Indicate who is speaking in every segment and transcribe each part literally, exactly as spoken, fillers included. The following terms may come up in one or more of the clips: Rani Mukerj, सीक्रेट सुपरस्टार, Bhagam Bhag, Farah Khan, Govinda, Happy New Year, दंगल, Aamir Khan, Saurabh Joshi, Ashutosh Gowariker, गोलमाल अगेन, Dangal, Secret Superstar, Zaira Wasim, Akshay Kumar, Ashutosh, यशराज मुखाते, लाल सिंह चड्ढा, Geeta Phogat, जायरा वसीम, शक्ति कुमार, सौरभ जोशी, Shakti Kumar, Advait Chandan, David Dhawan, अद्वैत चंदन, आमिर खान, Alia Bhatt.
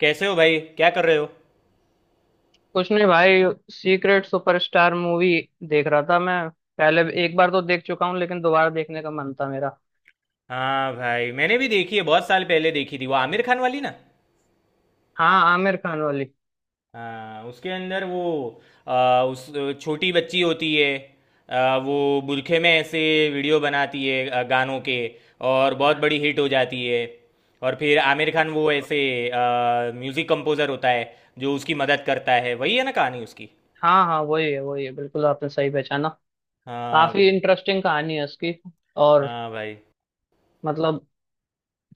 Speaker 1: कैसे हो भाई? क्या कर रहे हो?
Speaker 2: कुछ नहीं भाई। सीक्रेट सुपरस्टार मूवी देख रहा था मैं। पहले भी- एक बार तो देख चुका हूँ, लेकिन दोबारा देखने का मन था मेरा।
Speaker 1: हाँ भाई, मैंने भी देखी है, बहुत साल पहले देखी थी, वो आमिर खान वाली ना।
Speaker 2: हाँ, आमिर खान वाली।
Speaker 1: हाँ उसके अंदर वो आ, उस छोटी बच्ची होती है। आ, वो बुरखे में ऐसे वीडियो बनाती है आ, गानों के, और बहुत बड़ी हिट हो जाती है। और फिर आमिर खान वो ऐसे आ, म्यूजिक कंपोजर होता है जो उसकी मदद करता है, वही है ना कहानी उसकी।
Speaker 2: हाँ हाँ, वही है, वही है, बिल्कुल आपने सही पहचाना।
Speaker 1: हाँ
Speaker 2: काफी
Speaker 1: भाई,
Speaker 2: इंटरेस्टिंग कहानी है उसकी। और
Speaker 1: हाँ भाई,
Speaker 2: मतलब,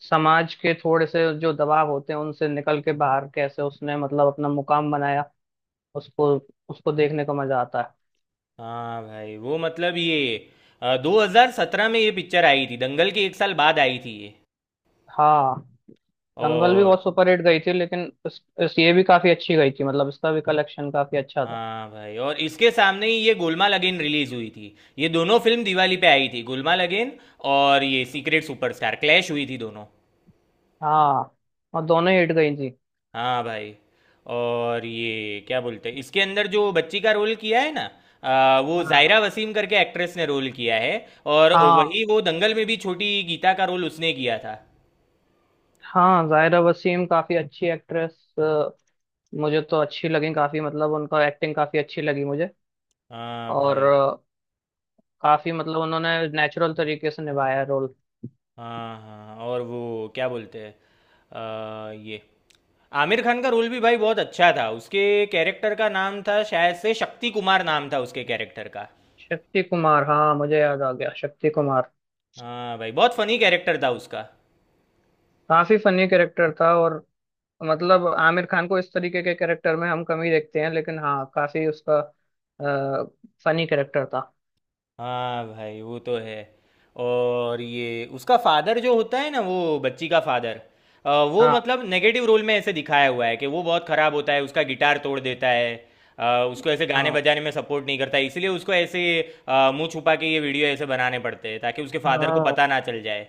Speaker 2: समाज के थोड़े से जो दबाव होते हैं उनसे निकल के बाहर कैसे उसने मतलब अपना मुकाम बनाया, उसको उसको देखने का मजा आता है।
Speaker 1: हाँ भाई, वो मतलब ये अ, दो हज़ार सत्रह में ये पिक्चर आई थी, दंगल के एक साल बाद आई थी ये।
Speaker 2: हाँ। दंगल भी
Speaker 1: और
Speaker 2: बहुत सुपरहिट गई थी, लेकिन इस, इस ये भी काफी अच्छी गई थी, मतलब इसका भी कलेक्शन काफी अच्छा था।
Speaker 1: हाँ भाई, और इसके सामने ही ये गोलमाल अगेन रिलीज हुई थी, ये दोनों फिल्म दिवाली पे आई थी, गोलमाल अगेन और ये सीक्रेट सुपरस्टार, क्लैश हुई थी दोनों।
Speaker 2: हाँ, और दोनों हिट गई थी।
Speaker 1: हाँ भाई, और ये क्या बोलते हैं, इसके अंदर जो बच्ची का रोल किया है ना, अ, वो
Speaker 2: हाँ
Speaker 1: जायरा वसीम करके एक्ट्रेस ने रोल किया है। और
Speaker 2: हाँ
Speaker 1: वही वो दंगल में भी छोटी गीता का रोल उसने किया था।
Speaker 2: हाँ, जाहिरा वसीम काफी अच्छी एक्ट्रेस। मुझे तो अच्छी लगी काफी, मतलब उनका एक्टिंग काफी अच्छी लगी मुझे।
Speaker 1: हाँ
Speaker 2: और
Speaker 1: भाई।
Speaker 2: अ, काफी मतलब उन्होंने नेचुरल तरीके से निभाया रोल।
Speaker 1: हाँ, हाँ हाँ, और वो क्या बोलते हैं, अ, ये आमिर खान का रोल भी भाई बहुत अच्छा था। उसके कैरेक्टर का नाम था शायद से शक्ति कुमार, नाम था उसके कैरेक्टर का।
Speaker 2: शक्ति कुमार, हाँ, मुझे याद आ गया, शक्ति कुमार।
Speaker 1: हाँ भाई, बहुत फनी कैरेक्टर था उसका।
Speaker 2: काफी फनी कैरेक्टर था। और मतलब आमिर खान को इस तरीके के कैरेक्टर में हम कम ही देखते हैं, लेकिन हाँ, काफी उसका फनी कैरेक्टर था।
Speaker 1: हाँ भाई वो तो है। और ये उसका फादर जो होता है ना, वो बच्ची का फादर, वो
Speaker 2: हाँ
Speaker 1: मतलब नेगेटिव रोल में ऐसे दिखाया हुआ है कि वो बहुत खराब होता है, उसका गिटार तोड़ देता है। अ, उसको ऐसे गाने
Speaker 2: हाँ
Speaker 1: बजाने में सपोर्ट नहीं करता है, इसलिए उसको ऐसे अ, मुंह छुपा के ये वीडियो ऐसे बनाने पड़ते हैं, ताकि उसके फादर को
Speaker 2: हाँ।
Speaker 1: पता ना चल जाए।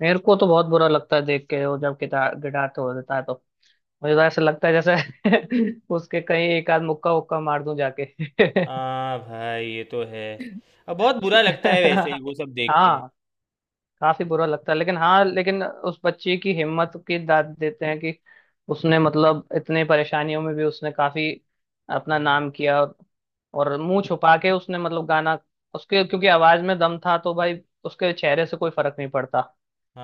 Speaker 2: मेरे को तो बहुत बुरा लगता है देख के, वो जब गिटार गिटार तो हो जाता है तो मुझे तो ऐसा लगता है जैसे उसके कहीं एक आध मुक्का उक्का मार दूं जाके।
Speaker 1: हाँ भाई ये तो है, अब बहुत बुरा लगता है, वैसे ही वो सब देख के।
Speaker 2: हाँ, काफी बुरा लगता है, लेकिन हाँ, लेकिन उस बच्ची की हिम्मत की दाद देते हैं कि उसने मतलब इतने परेशानियों में भी उसने काफी अपना
Speaker 1: हम्म।
Speaker 2: नाम किया, और, और मुंह छुपा के उसने मतलब गाना, उसके क्योंकि आवाज में दम था तो भाई उसके चेहरे से कोई फर्क नहीं पड़ता।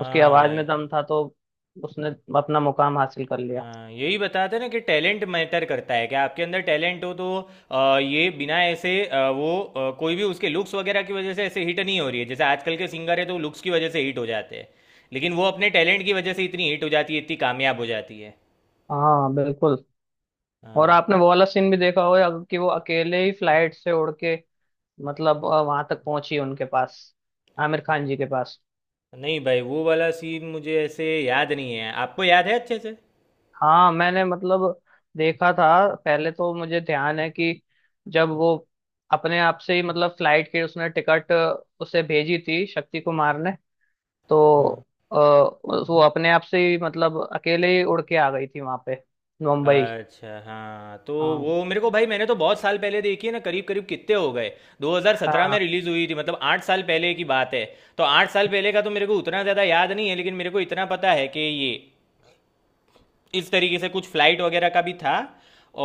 Speaker 2: उसकी आवाज
Speaker 1: भाई।
Speaker 2: में दम था, तो उसने अपना मुकाम हासिल कर लिया।
Speaker 1: हाँ, यही बताते हैं ना कि टैलेंट मैटर करता है, कि आपके अंदर टैलेंट हो तो अ, ये बिना ऐसे अ, वो अ, कोई भी उसके लुक्स वगैरह की वजह से ऐसे हिट नहीं हो रही है, जैसे आजकल के सिंगर है तो लुक्स की वजह से हिट हो जाते हैं। लेकिन वो अपने टैलेंट की वजह से इतनी हिट हो जाती है, इतनी कामयाब हो जाती है।
Speaker 2: हाँ, बिल्कुल। और
Speaker 1: हाँ।
Speaker 2: आपने वो वाला सीन भी देखा होगा कि वो अकेले ही फ्लाइट से उड़ के मतलब वहां तक पहुंची, उनके पास, आमिर खान जी के पास।
Speaker 1: नहीं भाई, वो वाला सीन मुझे ऐसे याद नहीं है, आपको याद है अच्छे से?
Speaker 2: हाँ, मैंने मतलब देखा था, पहले तो मुझे ध्यान है कि जब वो अपने आप से ही मतलब फ्लाइट की उसने टिकट, उसे भेजी थी शक्ति कुमार ने, तो अ, वो अपने आप से ही मतलब अकेले ही उड़ के आ गई थी वहां पे, मुंबई।
Speaker 1: अच्छा हाँ, तो
Speaker 2: हाँ
Speaker 1: वो मेरे को भाई, मैंने तो बहुत साल पहले देखी है ना, करीब करीब कितने हो गए। दो हज़ार सत्रह में
Speaker 2: हाँ
Speaker 1: रिलीज़ हुई थी, मतलब आठ साल पहले की बात है। तो आठ साल पहले का तो मेरे को उतना ज़्यादा याद नहीं है, लेकिन मेरे को इतना पता है कि ये इस तरीके से कुछ फ्लाइट वगैरह का भी था।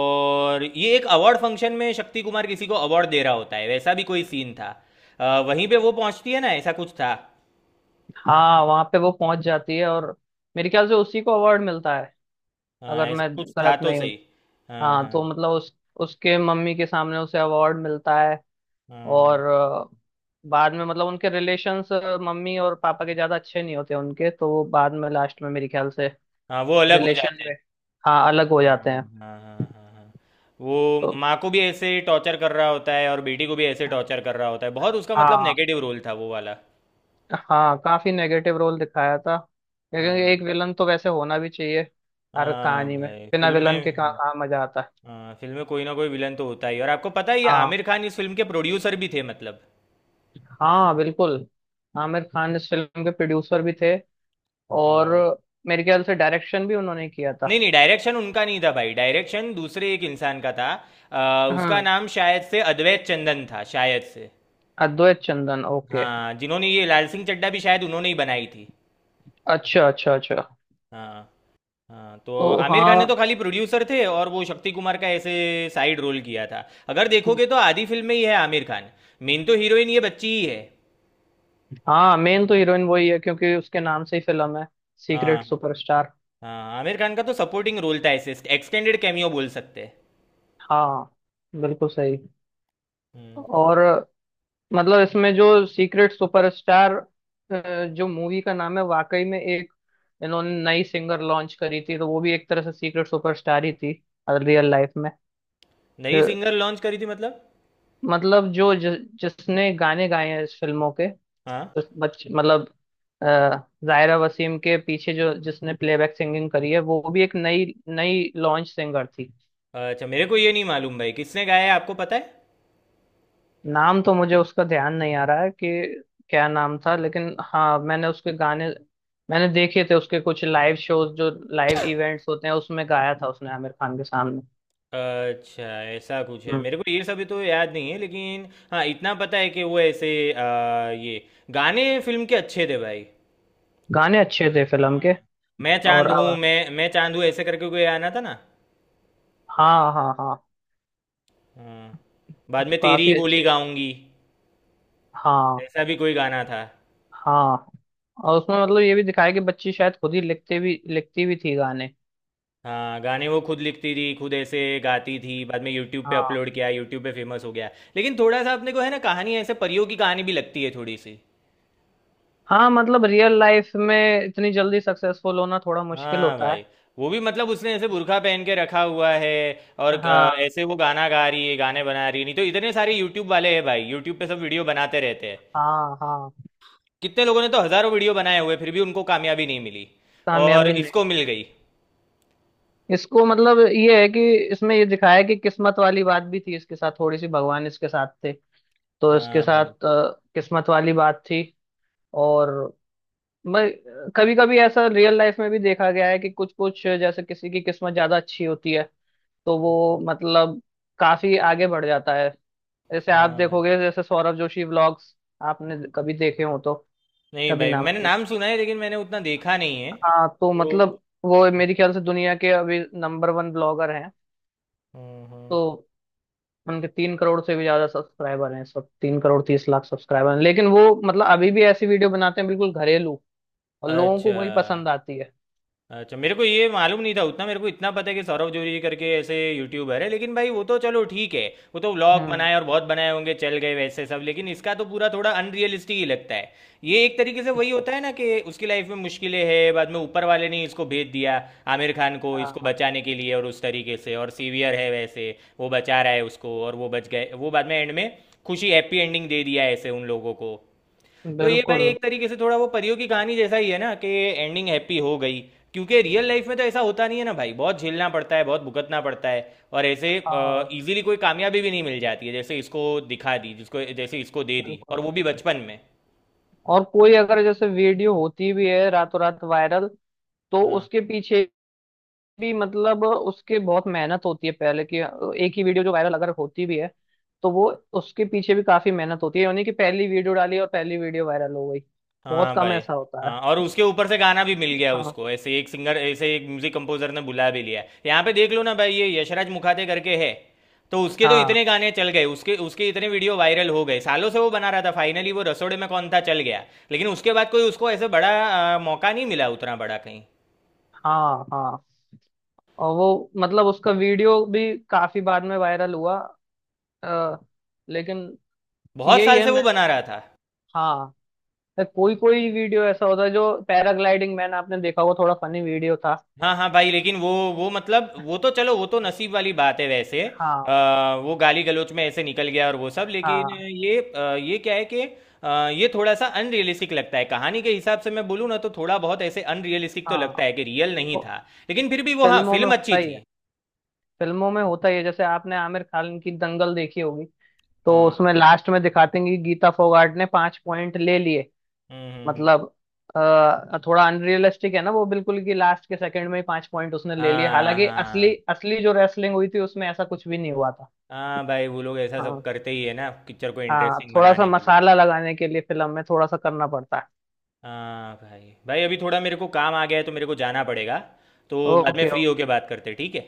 Speaker 1: और ये एक अवार्ड फंक्शन में शक्ति कुमार किसी को अवार्ड दे रहा होता है, वैसा भी कोई सीन था। अ, वहीं पे वो पहुंचती है ना, ऐसा कुछ था।
Speaker 2: हाँ, वहां पे वो पहुंच जाती है और मेरे ख्याल से उसी को अवार्ड मिलता है,
Speaker 1: हाँ,
Speaker 2: अगर
Speaker 1: ऐसा
Speaker 2: मैं
Speaker 1: कुछ था
Speaker 2: गलत
Speaker 1: तो
Speaker 2: नहीं हूँ।
Speaker 1: सही। हाँ
Speaker 2: हाँ,
Speaker 1: हाँ
Speaker 2: तो मतलब उस, उसके मम्मी के सामने उसे अवार्ड मिलता है।
Speaker 1: हाँ
Speaker 2: और
Speaker 1: हाँ।
Speaker 2: अ, बाद में मतलब उनके रिलेशंस, मम्मी और पापा के ज्यादा अच्छे नहीं होते उनके, तो वो बाद में लास्ट में मेरे ख्याल से
Speaker 1: हाँ वो अलग हो
Speaker 2: रिलेशन
Speaker 1: जाते हैं।
Speaker 2: में, हाँ, अलग हो
Speaker 1: हाँ
Speaker 2: जाते हैं।
Speaker 1: हाँ हाँ हाँ हाँ। वो
Speaker 2: तो
Speaker 1: माँ को भी ऐसे टॉर्चर कर रहा होता है, और बेटी को भी ऐसे टॉर्चर कर रहा होता है, बहुत उसका मतलब
Speaker 2: हाँ,
Speaker 1: नेगेटिव रोल था वो वाला।
Speaker 2: हाँ, काफी नेगेटिव रोल दिखाया था, लेकिन
Speaker 1: हाँ,
Speaker 2: एक विलन तो वैसे होना भी चाहिए। हर
Speaker 1: हाँ
Speaker 2: कहानी में
Speaker 1: भाई
Speaker 2: बिना
Speaker 1: फिल्म
Speaker 2: विलन के कहाँ
Speaker 1: में,
Speaker 2: कहाँ मजा आता है।
Speaker 1: हाँ फिल्म में कोई ना कोई विलन तो होता ही है। और आपको पता है, ये
Speaker 2: हाँ,
Speaker 1: आमिर खान इस फिल्म के प्रोड्यूसर भी थे, मतलब।
Speaker 2: हाँ, बिल्कुल, आमिर खान इस फिल्म के प्रोड्यूसर भी थे। और
Speaker 1: और
Speaker 2: मेरे ख्याल से डायरेक्शन भी उन्होंने किया था।
Speaker 1: नहीं नहीं, डायरेक्शन उनका नहीं था भाई, डायरेक्शन दूसरे एक इंसान का था। अ, उसका
Speaker 2: हाँ,
Speaker 1: नाम शायद से अद्वैत चंदन था, शायद से।
Speaker 2: अद्वैत चंदन, ओके।
Speaker 1: हाँ, जिन्होंने ये लाल सिंह चड्ढा भी शायद उन्होंने ही बनाई थी।
Speaker 2: अच्छा अच्छा अच्छा।
Speaker 1: हाँ। हाँ तो
Speaker 2: तो
Speaker 1: आमिर खान ने
Speaker 2: हाँ,
Speaker 1: तो खाली प्रोड्यूसर थे, और वो शक्ति कुमार का ऐसे साइड रोल किया था। अगर देखोगे तो आधी फिल्म में ही है आमिर खान, मेन तो हीरोइन ये बच्ची ही है।
Speaker 2: हाँ, मेन तो हीरोइन वही है क्योंकि उसके नाम से ही फिल्म है, सीक्रेट
Speaker 1: हाँ हाँ।
Speaker 2: सुपरस्टार।
Speaker 1: हाँ आमिर खान का तो सपोर्टिंग रोल था, ऐसे एक्सटेंडेड कैमियो बोल सकते हैं।
Speaker 2: हाँ, बिल्कुल सही।
Speaker 1: हम्म।
Speaker 2: और मतलब इसमें जो सीक्रेट सुपरस्टार अ, जो मूवी का नाम है, वाकई में एक, इन्होंने नई सिंगर लॉन्च करी थी, तो वो भी एक तरह से सीक्रेट सुपरस्टार ही थी, रियल लाइफ में। अ,
Speaker 1: नई सिंगर लॉन्च करी थी मतलब?
Speaker 2: मतलब जो जि, जिसने गाने गाए हैं इस फिल्मों के,
Speaker 1: हाँ।
Speaker 2: तो बच मतलब अ, जायरा वसीम के पीछे जो जिसने प्लेबैक सिंगिंग करी है वो भी एक नई नई लॉन्च सिंगर थी।
Speaker 1: अच्छा, मेरे को ये नहीं मालूम भाई, किसने गाया है आपको पता है?
Speaker 2: नाम तो मुझे उसका ध्यान नहीं आ रहा है कि क्या नाम था, लेकिन हाँ, मैंने उसके गाने, मैंने देखे थे उसके कुछ लाइव शोज, जो लाइव इवेंट्स होते हैं उसमें गाया था उसने आमिर खान के सामने।
Speaker 1: अच्छा, ऐसा कुछ है,
Speaker 2: हम्म।
Speaker 1: मेरे को ये सब तो याद नहीं है लेकिन। हाँ इतना पता है कि वो ऐसे अ, ये गाने फिल्म के अच्छे थे भाई।
Speaker 2: गाने अच्छे थे फिल्म
Speaker 1: हाँ,
Speaker 2: के।
Speaker 1: मैं
Speaker 2: और
Speaker 1: चांद हूँ,
Speaker 2: अब,
Speaker 1: मैं मैं चांद हूँ, ऐसे करके कोई गाना था ना।
Speaker 2: हाँ हाँ हाँ,
Speaker 1: हाँ, बाद
Speaker 2: तो
Speaker 1: में तेरी ही
Speaker 2: काफी
Speaker 1: बोली
Speaker 2: अच्छे।
Speaker 1: गाऊंगी,
Speaker 2: हाँ
Speaker 1: ऐसा भी कोई गाना था।
Speaker 2: हाँ। और उसमें मतलब ये भी दिखाया कि बच्ची शायद खुद ही लिखते भी लिखती भी थी गाने।
Speaker 1: हाँ, गाने वो खुद लिखती थी, खुद ऐसे गाती थी, बाद में यूट्यूब पे
Speaker 2: हाँ
Speaker 1: अपलोड किया, यूट्यूब पे फेमस हो गया। लेकिन थोड़ा सा अपने को है ना, कहानी ऐसे परियों की कहानी भी लगती है थोड़ी सी।
Speaker 2: हाँ, मतलब रियल लाइफ में इतनी जल्दी सक्सेसफुल होना थोड़ा मुश्किल
Speaker 1: हाँ
Speaker 2: होता
Speaker 1: भाई,
Speaker 2: है।
Speaker 1: वो भी मतलब उसने ऐसे बुर्खा पहन के रखा हुआ है, और अ,
Speaker 2: हाँ
Speaker 1: ऐसे वो गाना गा रही है, गाने बना रही है, नहीं तो इतने सारे यूट्यूब वाले हैं भाई, यूट्यूब पे सब वीडियो बनाते रहते हैं।
Speaker 2: हाँ हाँ,
Speaker 1: कितने लोगों ने तो हजारों वीडियो बनाए हुए, फिर भी उनको कामयाबी नहीं मिली, और
Speaker 2: कामयाबी नहीं,
Speaker 1: इसको मिल गई।
Speaker 2: इसको मतलब ये है कि इसमें ये दिखाया है कि किस्मत वाली बात भी थी, इसके साथ थोड़ी सी भगवान इसके साथ थे। तो इसके
Speaker 1: हाँ भाई,
Speaker 2: साथ अ, किस्मत वाली बात थी। और मैं, कभी कभी ऐसा रियल लाइफ में भी देखा गया है कि कुछ कुछ जैसे किसी की किस्मत ज्यादा अच्छी होती है, तो वो मतलब काफी आगे बढ़ जाता है। जैसे आप
Speaker 1: हाँ भाई।
Speaker 2: देखोगे जैसे सौरभ जोशी व्लॉग्स, आपने कभी देखे हो तो?
Speaker 1: नहीं
Speaker 2: कभी
Speaker 1: भाई,
Speaker 2: नाम
Speaker 1: मैंने
Speaker 2: सुन,
Speaker 1: नाम सुना है, लेकिन मैंने उतना देखा नहीं है।
Speaker 2: हाँ, तो
Speaker 1: तो
Speaker 2: मतलब वो मेरे ख्याल से दुनिया के अभी नंबर वन ब्लॉगर हैं।
Speaker 1: हम्म हम्म।
Speaker 2: तो उनके तीन करोड़ से भी ज्यादा सब्सक्राइबर हैं, सब तीन करोड़ तीस लाख सब्सक्राइबर हैं, लेकिन वो मतलब अभी भी ऐसी वीडियो बनाते हैं बिल्कुल घरेलू, और लोगों को
Speaker 1: अच्छा,
Speaker 2: वही पसंद आती है।
Speaker 1: अच्छा मेरे को ये मालूम नहीं था उतना, मेरे को इतना पता है कि सौरभ जोशी करके ऐसे यूट्यूबर है, लेकिन भाई वो तो चलो ठीक है। वो तो व्लॉग
Speaker 2: हम्म,
Speaker 1: बनाए, और बहुत बनाए होंगे, चल गए वैसे सब, लेकिन इसका तो पूरा थोड़ा अनरियलिस्टिक ही लगता है। ये एक तरीके से वही होता है ना कि उसकी लाइफ में मुश्किलें हैं, बाद में ऊपर वाले ने इसको भेज दिया, आमिर खान को, इसको
Speaker 2: हाँ
Speaker 1: बचाने के लिए। और उस तरीके से और सीवियर है, वैसे वो बचा रहा है उसको, और वो बच गए, वो बाद में एंड में खुशी, हैप्पी एंडिंग दे दिया ऐसे उन लोगों को। तो ये
Speaker 2: बिल्कुल।
Speaker 1: भाई एक तरीके से थोड़ा वो परियों की कहानी जैसा ही है ना, कि एंडिंग हैप्पी हो गई। क्योंकि रियल लाइफ में तो ऐसा होता नहीं है ना भाई, बहुत झेलना पड़ता है, बहुत भुगतना पड़ता है, और ऐसे
Speaker 2: हाँ
Speaker 1: इजीली कोई कामयाबी भी नहीं मिल जाती है, जैसे इसको दिखा दी, जिसको जैसे इसको दे दी, और
Speaker 2: बिल्कुल,
Speaker 1: वो भी बचपन में।
Speaker 2: और कोई अगर जैसे वीडियो होती भी है रातों रात वायरल, तो
Speaker 1: हाँ,
Speaker 2: उसके पीछे भी मतलब उसके बहुत मेहनत होती है पहले की। एक ही वीडियो जो वायरल अगर होती भी है, तो वो, उसके पीछे भी काफी मेहनत होती है, यानी कि पहली वीडियो डाली और पहली वीडियो वायरल हो गई, बहुत
Speaker 1: हाँ
Speaker 2: कम
Speaker 1: भाई।
Speaker 2: ऐसा होता
Speaker 1: हाँ, और
Speaker 2: है।
Speaker 1: उसके ऊपर से गाना भी मिल गया
Speaker 2: हाँ
Speaker 1: उसको, ऐसे एक सिंगर, ऐसे एक म्यूजिक कंपोजर ने बुला भी लिया। यहाँ पे देख लो ना भाई, ये यशराज मुखाते करके है, तो उसके तो इतने
Speaker 2: हाँ
Speaker 1: गाने चल गए, उसके उसके इतने वीडियो वायरल हो गए, सालों से वो बना रहा था, फाइनली वो रसोड़े में कौन था चल गया। लेकिन उसके बाद कोई उसको ऐसे बड़ा आ, मौका नहीं मिला, उतना बड़ा कहीं।
Speaker 2: हाँ हाँ, और वो मतलब उसका वीडियो भी काफी बाद में वायरल हुआ। अ, लेकिन
Speaker 1: बहुत
Speaker 2: यही
Speaker 1: साल
Speaker 2: है,
Speaker 1: से वो
Speaker 2: मैं,
Speaker 1: बना रहा था।
Speaker 2: हाँ, कोई कोई वीडियो ऐसा होता है, जो पैराग्लाइडिंग मैन आपने देखा होगा, थोड़ा फनी वीडियो था।
Speaker 1: हाँ हाँ भाई, लेकिन वो वो मतलब, वो तो चलो, वो तो नसीब वाली बात है वैसे।
Speaker 2: हाँ
Speaker 1: आ, वो गाली गलौज में ऐसे निकल गया और वो सब, लेकिन
Speaker 2: हाँ
Speaker 1: ये अ, ये क्या है कि अ, ये थोड़ा सा अनरियलिस्टिक लगता है, कहानी के हिसाब से मैं बोलूँ ना तो, थोड़ा बहुत ऐसे अनरियलिस्टिक तो लगता
Speaker 2: हाँ,
Speaker 1: है कि रियल नहीं
Speaker 2: वो
Speaker 1: था। लेकिन फिर भी वो, हाँ
Speaker 2: फिल्मों में
Speaker 1: फिल्म
Speaker 2: होता
Speaker 1: अच्छी
Speaker 2: ही है,
Speaker 1: थी।
Speaker 2: फिल्मों में होता ही है, जैसे आपने आमिर खान की दंगल देखी होगी, तो
Speaker 1: हम्म
Speaker 2: उसमें लास्ट में दिखाते हैं कि गीता फोगाट ने पांच पॉइंट ले लिए।
Speaker 1: हम्म हम्म, हम्म।
Speaker 2: मतलब अ, थोड़ा अनरियलिस्टिक है ना वो, बिल्कुल, कि लास्ट के सेकंड में ही पांच पॉइंट उसने ले लिए,
Speaker 1: हाँ
Speaker 2: हालांकि असली
Speaker 1: हाँ।
Speaker 2: असली जो रेसलिंग हुई थी उसमें ऐसा कुछ भी नहीं हुआ था।
Speaker 1: हाँ भाई वो लोग ऐसा सब
Speaker 2: हाँ
Speaker 1: करते ही है ना, पिक्चर को
Speaker 2: हाँ,
Speaker 1: इंटरेस्टिंग
Speaker 2: थोड़ा सा
Speaker 1: बनाने के लिए।
Speaker 2: मसाला लगाने के लिए फिल्म में थोड़ा सा करना पड़ता है।
Speaker 1: हाँ भाई, भाई अभी थोड़ा मेरे को काम आ गया है, तो मेरे को जाना पड़ेगा। तो बाद में
Speaker 2: ओके,
Speaker 1: फ्री होके बात करते हैं, ठीक है?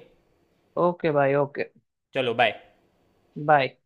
Speaker 2: ओके भाई, ओके।
Speaker 1: चलो बाय।
Speaker 2: बाय।